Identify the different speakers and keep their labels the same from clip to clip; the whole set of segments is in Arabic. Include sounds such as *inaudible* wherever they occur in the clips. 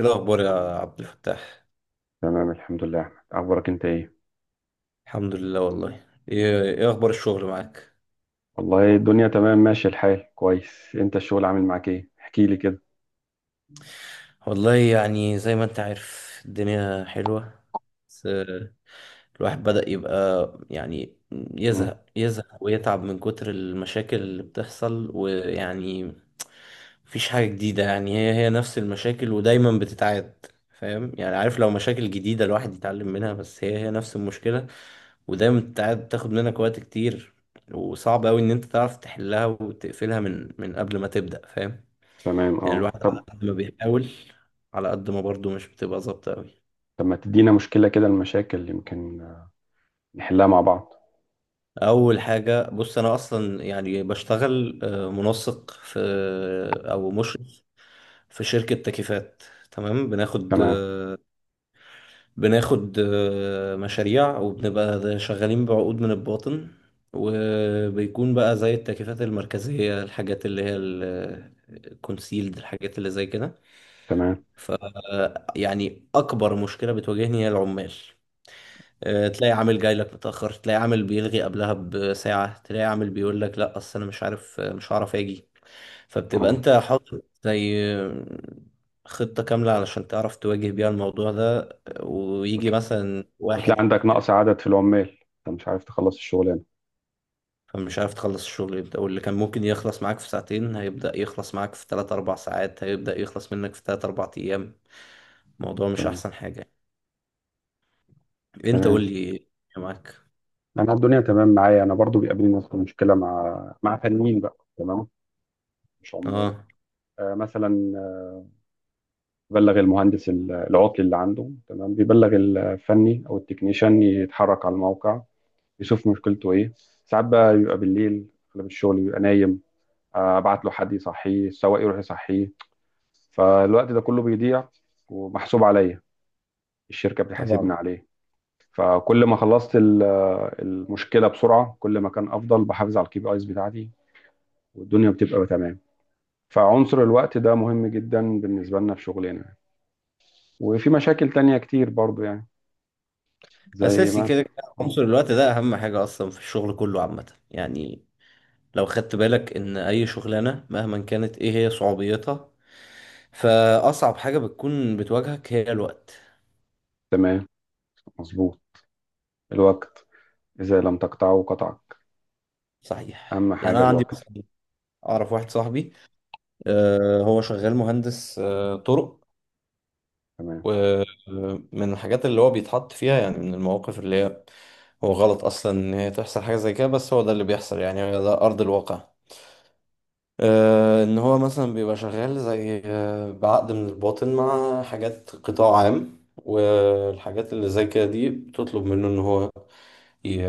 Speaker 1: ايه الاخبار يا عبد الفتاح؟
Speaker 2: تمام، الحمد لله يا احمد. اخبارك انت ايه؟
Speaker 1: الحمد لله. والله ايه اخبار الشغل معاك؟
Speaker 2: والله الدنيا تمام، ماشي الحال كويس. انت الشغل عامل معاك ايه؟ احكي لي كده.
Speaker 1: والله يعني زي ما انت عارف الدنيا حلوة. بس الواحد بدأ يبقى يعني
Speaker 2: امم.
Speaker 1: يزهق يزهق ويتعب من كتر المشاكل اللي بتحصل ويعني مفيش حاجة جديدة. يعني هي هي نفس المشاكل ودايما بتتعاد. فاهم يعني؟ عارف لو مشاكل جديدة الواحد يتعلم منها، بس هي هي نفس المشكلة ودايما بتتعاد، بتاخد منك وقت كتير. وصعب أوي إن أنت تعرف تحلها وتقفلها من قبل ما تبدأ. فاهم؟
Speaker 2: تمام،
Speaker 1: يعني
Speaker 2: اه،
Speaker 1: الواحد على
Speaker 2: طب.
Speaker 1: قد ما بيحاول، على قد ما برضه مش بتبقى ظابطة أوي.
Speaker 2: طب ما تدينا مشكله كده، المشاكل يمكن نحلها مع بعض.
Speaker 1: اول حاجه، بص، انا اصلا يعني بشتغل منسق في، او مشرف في شركه تكييفات. تمام. بناخد
Speaker 2: تمام.
Speaker 1: بناخد مشاريع وبنبقى شغالين بعقود من الباطن. وبيكون بقى زي التكييفات المركزيه، الحاجات اللي هي الكونسيلد، الحاجات اللي زي كده.
Speaker 2: تمام،
Speaker 1: فيعني اكبر مشكله بتواجهني هي العمال. تلاقي عامل جاي لك متأخر، تلاقي عامل بيلغي قبلها بساعة، تلاقي عامل بيقول لك لا اصل انا مش عارف، مش هعرف اجي. فبتبقى
Speaker 2: اه،
Speaker 1: انت حاطط زي خطة كاملة علشان تعرف تواجه بيها الموضوع ده. ويجي
Speaker 2: وت-
Speaker 1: مثلا
Speaker 2: وتلاقي
Speaker 1: واحد
Speaker 2: عندك نقص عدد في العمال، انت مش عارف تخلص الشغلانه.
Speaker 1: فمش عارف تخلص الشغل، يبدأ واللي كان ممكن يخلص معاك في ساعتين هيبدأ يخلص معاك في 3 4 ساعات، هيبدأ يخلص منك في 3 4 ايام. الموضوع مش
Speaker 2: تمام.
Speaker 1: احسن حاجة. انت قول
Speaker 2: تمام،
Speaker 1: لي إيه معاك؟
Speaker 2: انا الدنيا تمام معايا. انا برضو بيقابلني نفس المشكله مع فنيين بقى، تمام، مش عمال.
Speaker 1: اه،
Speaker 2: مثلا بلغ المهندس العطل اللي عنده، تمام، بيبلغ الفني او التكنيشن، يتحرك على الموقع يشوف مشكلته ايه. ساعات بقى بيبقى بالليل، اغلب الشغل بيبقى نايم، ابعت له حد يصحيه، السواق يروح يصحيه. فالوقت ده كله بيضيع ومحسوب عليا، الشركة بتحاسبني
Speaker 1: طبعا.
Speaker 2: عليه. فكل ما خلصت المشكلة بسرعة كل ما كان افضل، بحافظ على KPIs بتاعتي والدنيا بتبقى تمام. فعنصر الوقت ده مهم جدا بالنسبة لنا في شغلنا. وفي مشاكل تانية كتير برضو يعني، زي
Speaker 1: اساسي كده
Speaker 2: مثلا.
Speaker 1: كده.
Speaker 2: مم.
Speaker 1: عنصر الوقت ده اهم حاجه اصلا في الشغل كله عامه، يعني. لو خدت بالك ان اي شغلانه مهما كانت ايه هي صعوبيتها، فاصعب حاجه بتكون بتواجهك هي الوقت.
Speaker 2: تمام، مظبوط. الوقت إذا لم تقطعه قطعك.
Speaker 1: صحيح.
Speaker 2: أهم
Speaker 1: يعني
Speaker 2: حاجة
Speaker 1: انا عندي
Speaker 2: الوقت.
Speaker 1: مثلا اعرف واحد صاحبي، هو شغال مهندس، طرق.
Speaker 2: تمام.
Speaker 1: ومن الحاجات اللي هو بيتحط فيها، يعني من المواقف اللي هي هو غلط اصلا ان هي تحصل حاجه زي كده، بس هو ده اللي بيحصل يعني، ده ارض الواقع. ان هو مثلا بيبقى شغال زي بعقد من الباطن مع حاجات قطاع عام، والحاجات اللي زي كده دي بتطلب منه ان هو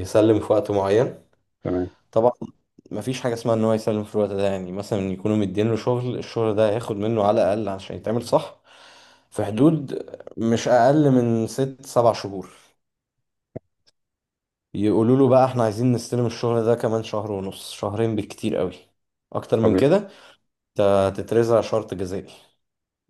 Speaker 1: يسلم في وقت معين.
Speaker 2: تمام.
Speaker 1: طبعا. مفيش حاجة اسمها ان هو يسلم في الوقت ده. يعني مثلا يكونوا مدين له شغل، الشغل ده هياخد منه على الاقل عشان يتعمل صح، في حدود مش اقل من ست سبع شهور. يقولوا له بقى احنا عايزين نستلم الشغل ده كمان شهر ونص، شهرين بالكتير قوي. اكتر من
Speaker 2: طبيعي.
Speaker 1: كده انت هتترزع شرط جزائي.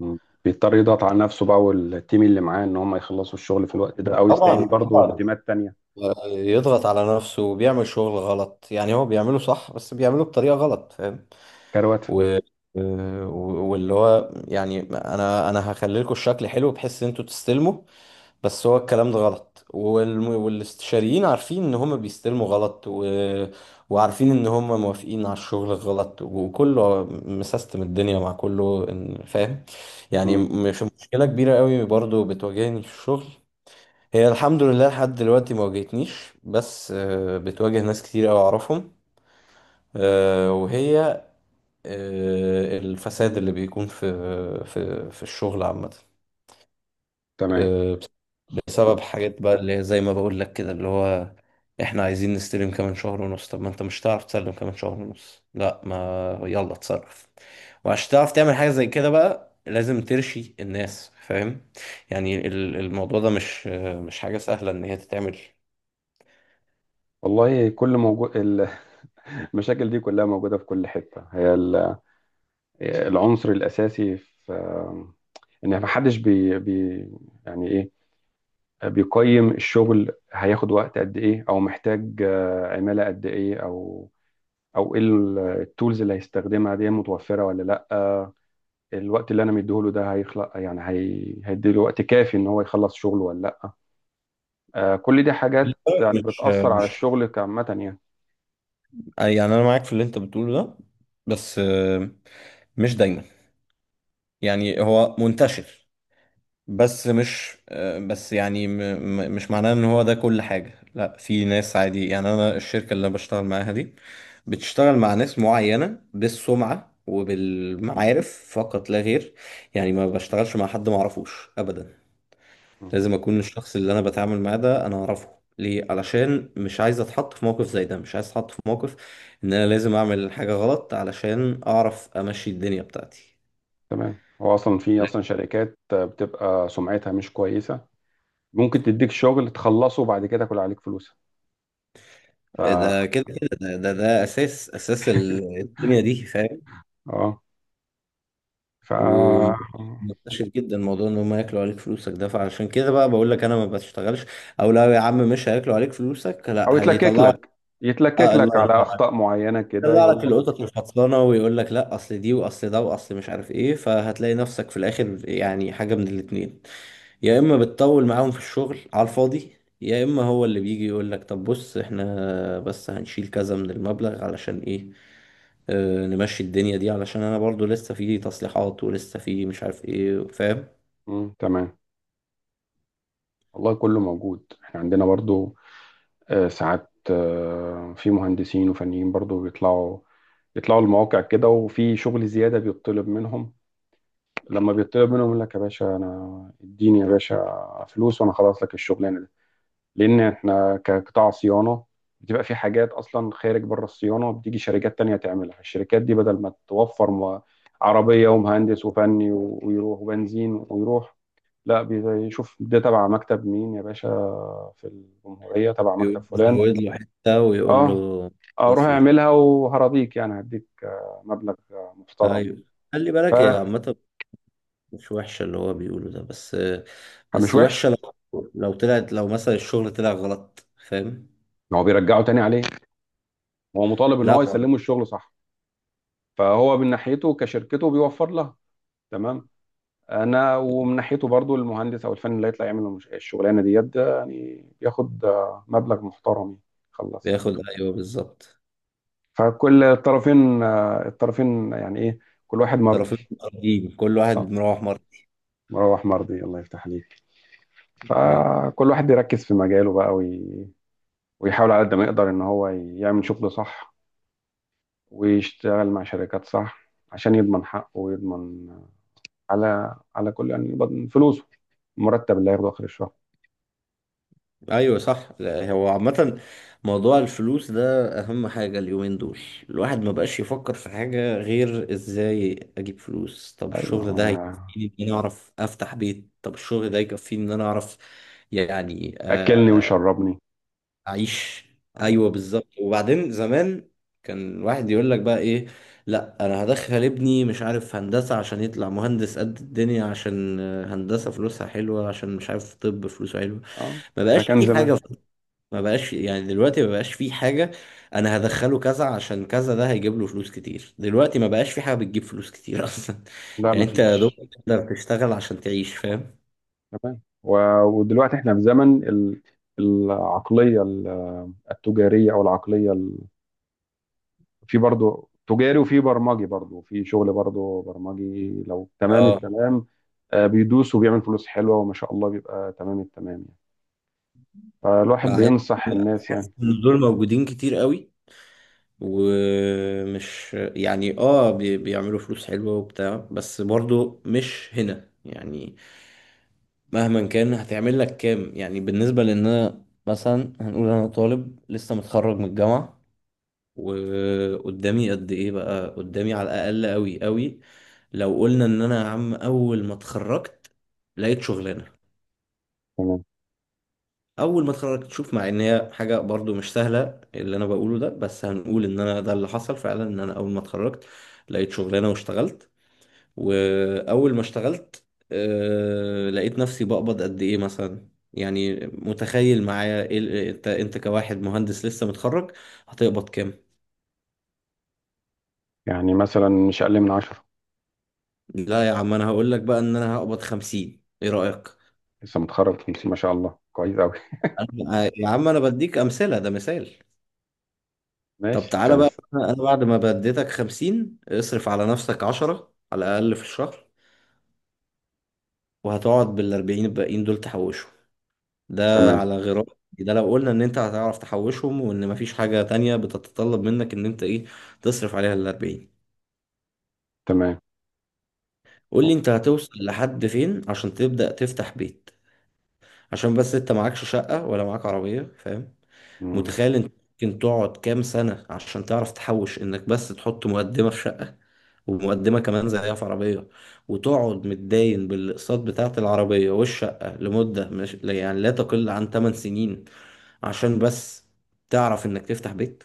Speaker 2: مم. بيضطر يضغط على نفسه بقى، والتيم اللي معاه إن هم يخلصوا الشغل في الوقت ده، أو
Speaker 1: طبعا
Speaker 2: يستعين برضه
Speaker 1: طبعا.
Speaker 2: بتيمات تانية
Speaker 1: يضغط على نفسه وبيعمل شغل غلط. يعني هو بيعمله صح، بس بيعمله بطريقة غلط. فاهم؟
Speaker 2: كرواتة.
Speaker 1: و... واللي هو يعني انا هخلي لكم الشكل حلو بحيث ان انتوا تستلموا. بس هو الكلام ده غلط. والاستشاريين عارفين ان هم بيستلموا غلط، وعارفين ان هم موافقين على الشغل غلط، وكله مسيستم الدنيا مع كله فاهم؟ يعني
Speaker 2: مم.
Speaker 1: مش مشكلة كبيرة قوي برضو بتواجهني في الشغل، هي الحمد لله لحد دلوقتي ما واجهتنيش، بس بتواجه ناس كتير قوي اعرفهم. وهي الفساد اللي بيكون في في الشغل عامة،
Speaker 2: تمام.
Speaker 1: بسبب حاجات بقى اللي هي زي ما بقول لك كده، اللي هو احنا عايزين نستلم كمان شهر ونص. طب ما انت مش هتعرف تسلم كمان شهر ونص، لا ما يلا اتصرف. وعشان تعرف تعمل حاجة زي كده بقى لازم ترشي الناس. فاهم؟ يعني الموضوع ده مش مش حاجة سهلة ان هي تتعمل.
Speaker 2: والله كل موجود *laughs* المشاكل دي كلها موجودة في كل حتة. هي العنصر الأساسي في إن محدش بي... بي يعني إيه، بيقيم الشغل هياخد وقت قد ايه، او محتاج عمالة قد ايه، او ايه، التولز اللي هيستخدمها دي متوفرة ولا لا، الوقت اللي انا مديهوله ده هيخلق يعني هيديله وقت كافي ان هو يخلص شغله ولا لا. كل دي حاجات يعني
Speaker 1: مش
Speaker 2: بتأثر على الشغل كعامة يعني.
Speaker 1: أي يعني انا معاك في اللي انت بتقوله ده. بس مش دايما. يعني هو منتشر، بس مش بس يعني مش معناه ان هو ده كل حاجة. لا في ناس عادي. يعني انا الشركة اللي انا بشتغل معاها دي بتشتغل مع ناس معينة، بالسمعة وبالمعارف، فقط لا غير. يعني ما بشتغلش مع حد ما اعرفوش ابدا.
Speaker 2: مم.
Speaker 1: لازم اكون الشخص اللي انا بتعامل معاه ده انا اعرفه. ليه؟ علشان مش عايز اتحط في موقف زي ده. مش عايز اتحط في موقف ان انا لازم اعمل حاجة غلط علشان اعرف امشي الدنيا بتاعتي.
Speaker 2: تمام. هو اصلا في
Speaker 1: لا،
Speaker 2: اصلا شركات بتبقى سمعتها مش كويسة، ممكن تديك شغل تخلصه وبعد كده كل عليك فلوسها. ف
Speaker 1: ده
Speaker 2: *laughs*
Speaker 1: كده كده، ده ده, ده اساس اساس الدنيا دي. فاهم؟
Speaker 2: اه. ف
Speaker 1: ومنتشر جدا موضوع ان هم ياكلوا عليك فلوسك ده، فعشان كده بقى بقول لك انا ما بشتغلش. او لو يا عم مش هياكلوا عليك فلوسك،
Speaker 2: او
Speaker 1: لا
Speaker 2: يتلكك
Speaker 1: هيطلعوا،
Speaker 2: لك يتلكك
Speaker 1: آه الله
Speaker 2: لك على
Speaker 1: ينور،
Speaker 2: اخطاء معينه كده،
Speaker 1: يطلع لك
Speaker 2: يقول لك.
Speaker 1: القطط مش خلصانه ويقول لك لا اصل دي، واصل ده، واصل مش عارف ايه. فهتلاقي نفسك في الاخر يعني حاجه من الاتنين: يا اما بتطول معاهم في الشغل على الفاضي، يا اما هو اللي بيجي يقول لك طب بص احنا بس هنشيل كذا من المبلغ علشان ايه، اه نمشي الدنيا دي، علشان انا برضو لسه في تصليحات ولسه في مش عارف ايه. فاهم؟
Speaker 2: مم. تمام. والله كله موجود احنا عندنا برضو. ساعات في مهندسين وفنيين برضو بيطلعوا، يطلعوا المواقع كده، وفي شغل زياده بيطلب منهم. لما بيطلب منهم يقول لك يا باشا، انا اديني يا باشا فلوس وانا خلاص لك الشغلانه. لان احنا كقطاع صيانه بتبقى في حاجات اصلا خارج بره الصيانه، بتيجي شركات تانية تعملها. الشركات دي بدل ما توفر عربيه ومهندس وفني ويروح وبنزين ويروح، لا، بيشوف ده تبع مكتب مين يا باشا، في الجمهوريه تبع مكتب فلان.
Speaker 1: يزود له حته ويقول له
Speaker 2: اه،
Speaker 1: خلاص
Speaker 2: اروح
Speaker 1: دي.
Speaker 2: اعملها وهرضيك يعني، هديك مبلغ محترم
Speaker 1: ايوه. خلي بالك هي عامه مش وحشة اللي هو بيقوله ده، بس
Speaker 2: يعني، مش
Speaker 1: بس
Speaker 2: وحش.
Speaker 1: وحشة لو لو طلعت، لو مثلا الشغل طلع غلط. فاهم؟
Speaker 2: هو بيرجعه تاني عليه، هو مطالب ان
Speaker 1: لا،
Speaker 2: هو
Speaker 1: هو
Speaker 2: يسلمه الشغل صح. فهو من ناحيته كشركته بيوفر لها. تمام. انا ومن ناحيته برضو المهندس او الفني اللي هيطلع يعمل الشغلانه ديت ده يعني، بياخد مبلغ محترم يعني، خلص.
Speaker 1: بياخد. ايوه، بالظبط.
Speaker 2: فكل الطرفين يعني ايه، كل واحد مرضي.
Speaker 1: طرفين مقابلين، كل واحد
Speaker 2: آه،
Speaker 1: مروح مرة.
Speaker 2: مروح مرضي. الله يفتح عليك.
Speaker 1: ايوه.
Speaker 2: فكل واحد بيركز في مجاله بقى، ويحاول على قد ما يقدر ان هو يعمل شغل صح، ويشتغل مع شركات صح عشان يضمن حقه ويضمن على كل يعني، يضمن فلوسه، المرتب اللي هياخده اخر الشهر.
Speaker 1: ايوه، صح. لا، هو عامة موضوع الفلوس ده اهم حاجة اليومين دول. الواحد ما بقاش يفكر في حاجة غير ازاي اجيب فلوس. طب
Speaker 2: ايوه.
Speaker 1: الشغل ده
Speaker 2: آه،
Speaker 1: هيكفيني ان انا اعرف افتح بيت؟ طب الشغل ده يكفيني ان انا اعرف، يعني،
Speaker 2: اكلني وشربني.
Speaker 1: اعيش؟
Speaker 2: اه.
Speaker 1: ايوه بالظبط. وبعدين زمان كان الواحد يقول لك بقى ايه؟ لا انا هدخل ابني مش عارف هندسه عشان يطلع مهندس قد الدنيا، عشان هندسه فلوسها حلوه، عشان مش عارف. طب فلوسه حلوه؟
Speaker 2: اه.
Speaker 1: ما
Speaker 2: ده
Speaker 1: بقاش
Speaker 2: كان
Speaker 1: في
Speaker 2: زمان.
Speaker 1: حاجه. ما بقاش، يعني دلوقتي ما بقاش في حاجه انا هدخله كذا عشان كذا ده هيجيب له فلوس كتير. دلوقتي ما بقاش في حاجه بتجيب فلوس كتير *laughs* اصلا.
Speaker 2: لا
Speaker 1: يعني انت يا دوب
Speaker 2: مفيش.
Speaker 1: تقدر تشتغل عشان تعيش. فاهم؟
Speaker 2: تمام، ودلوقتي احنا في زمن العقلية التجارية، او العقلية في برضو تجاري، وفي برمجي برضو، في شغل برضو برمجي لو تمام
Speaker 1: اه،
Speaker 2: التمام، بيدوس وبيعمل فلوس حلوة وما شاء الله بيبقى تمام التمام يعني. فالواحد
Speaker 1: مع ان
Speaker 2: بينصح الناس
Speaker 1: بحس
Speaker 2: يعني.
Speaker 1: ان دول موجودين كتير قوي ومش يعني اه بيعملوا فلوس حلوة وبتاع، بس برضو مش هنا يعني، مهما كان هتعمل لك كام؟ يعني بالنسبة لان انا مثلا هنقول انا طالب لسه متخرج من الجامعة وقدامي قد ايه بقى قدامي، على الاقل قوي قوي. لو قلنا ان انا يا عم اول ما اتخرجت لقيت شغلانة،
Speaker 2: تمام.
Speaker 1: اول ما اتخرجت، شوف، مع ان هي حاجه برضو مش سهله اللي انا بقوله ده، بس هنقول ان انا ده اللي حصل فعلا، ان انا اول ما اتخرجت لقيت شغلانه واشتغلت. واول ما اشتغلت لقيت نفسي بقبض قد ايه مثلا؟ يعني متخيل معايا إيه انت انت كواحد مهندس لسه متخرج هتقبض كام؟
Speaker 2: يعني مثلا مش اقل من عشرة.
Speaker 1: لا يا عم، انا هقول لك بقى ان انا هقبض 50. ايه رايك؟
Speaker 2: لسه متخرج 50، ما شاء الله كويس قوي.
Speaker 1: أنا- يا عم انا بديك امثله، ده مثال. طب
Speaker 2: ماشي
Speaker 1: تعالى بقى،
Speaker 2: كويس.
Speaker 1: انا بعد ما بديتك 50 اصرف على نفسك 10 على الأقل في الشهر، وهتقعد بالأربعين الباقيين دول تحوشهم. ده
Speaker 2: تمام.
Speaker 1: على غرار، ده لو قلنا إن أنت هتعرف تحوشهم، وإن مفيش حاجة تانية بتتطلب منك إن أنت إيه، تصرف عليها الأربعين.
Speaker 2: تمام.
Speaker 1: قول لي أنت هتوصل لحد فين عشان تبدأ تفتح بيت؟ عشان بس أنت معكش شقة ولا معاك عربية. فاهم؟
Speaker 2: مم.
Speaker 1: متخيل انت ممكن تقعد كام سنة عشان تعرف تحوش انك بس تحط مقدمة في شقة ومقدمة كمان زيها في عربية، وتقعد متداين بالأقساط بتاعة العربية والشقة لمدة مش يعني لا تقل عن 8 سنين عشان بس تعرف انك تفتح بيت؟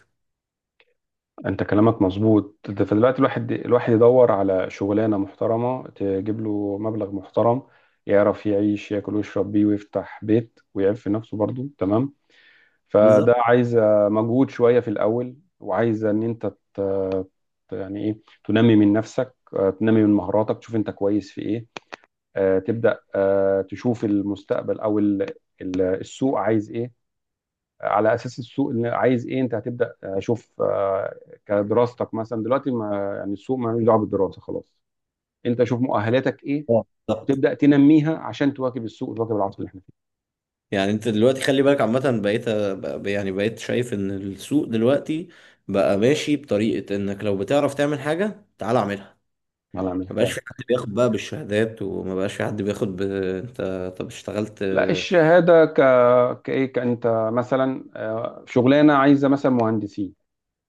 Speaker 2: انت كلامك مظبوط ده. فدلوقتي الواحد، الواحد يدور على شغلانه محترمه تجيب له مبلغ محترم، يعرف يعيش، ياكل ويشرب بيه ويفتح بيت ويعيب في نفسه برضه، تمام. فده
Speaker 1: بالظبط.
Speaker 2: عايز مجهود شويه في الاول، وعايز ان انت ت- يعني ايه، تنمي من نفسك، تنمي من مهاراتك، تشوف انت كويس في ايه، تبدا تشوف المستقبل او السوق عايز ايه. على اساس السوق اللي عايز ايه انت هتبدا شوف، كدراستك مثلا دلوقتي ما يعني، السوق ما لوش دعوه بالدراسه خلاص. انت شوف مؤهلاتك ايه
Speaker 1: اه بالظبط.
Speaker 2: وتبدا تنميها عشان تواكب السوق وتواكب العصر اللي احنا فيه.
Speaker 1: يعني انت دلوقتي خلي بالك عامة بقيت يعني بقيت شايف ان السوق دلوقتي بقى ماشي بطريقة انك لو بتعرف تعمل حاجة تعال اعملها.
Speaker 2: الله يعمل
Speaker 1: ما بقاش
Speaker 2: فعلا.
Speaker 1: في حد بياخد بقى بالشهادات، وما بقاش في حد بياخد انت، طب اشتغلت؟
Speaker 2: لا الشهاده كايه كانت. مثلا شغلانه عايزه مثلا مهندسين،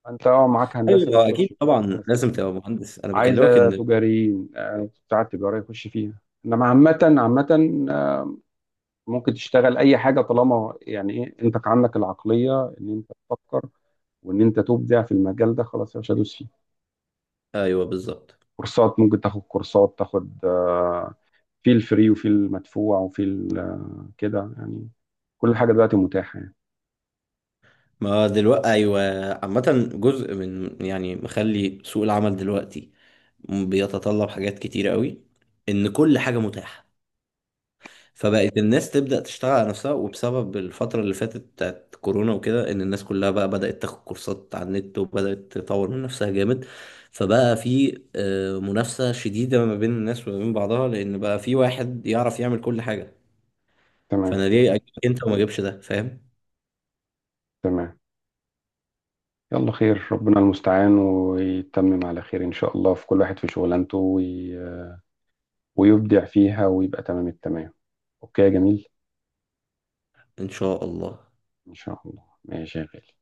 Speaker 2: انت اه معاك هندسه
Speaker 1: ايوه
Speaker 2: بتخش
Speaker 1: اكيد
Speaker 2: فيها
Speaker 1: طبعا
Speaker 2: بس.
Speaker 1: لازم تبقى مهندس، انا بكلمك
Speaker 2: عايزه
Speaker 1: ان،
Speaker 2: تجاريين، بتاع التجاره يخش فيها. انما عامه عامه، ممكن تشتغل اي حاجه طالما يعني ايه، انت عندك العقليه ان انت تفكر وان انت تبدع في المجال ده، خلاص يا باشا دوس فيه.
Speaker 1: ايوه بالظبط.
Speaker 2: كورسات، ممكن تاخد كورسات، تاخد في الفري وفي المدفوع وفي كده يعني. كل حاجه دلوقتي متاحه يعني.
Speaker 1: ما دلوقتي ايوه، عامة جزء من، يعني، مخلي سوق العمل دلوقتي بيتطلب حاجات كتيرة قوي ان كل حاجة متاحة. فبقت الناس تبدأ تشتغل على نفسها، وبسبب الفترة اللي فاتت بتاعت كورونا وكده، إن الناس كلها بقى بدأت تاخد كورسات على النت وبدأت تطور من نفسها جامد. فبقى في منافسة شديدة ما بين الناس وما بين بعضها، لأن بقى في واحد يعرف يعمل كل حاجة.
Speaker 2: تمام.
Speaker 1: فأنا ليه أجيبك أنت وما أجيبش ده؟ فاهم؟
Speaker 2: تمام. يلا خير، ربنا المستعان ويتمم على خير ان شاء الله. في كل واحد في شغلانته ويبدع فيها ويبقى تمام التمام. اوكي يا جميل.
Speaker 1: إن شاء الله.
Speaker 2: ان شاء الله ماشي يا غالي.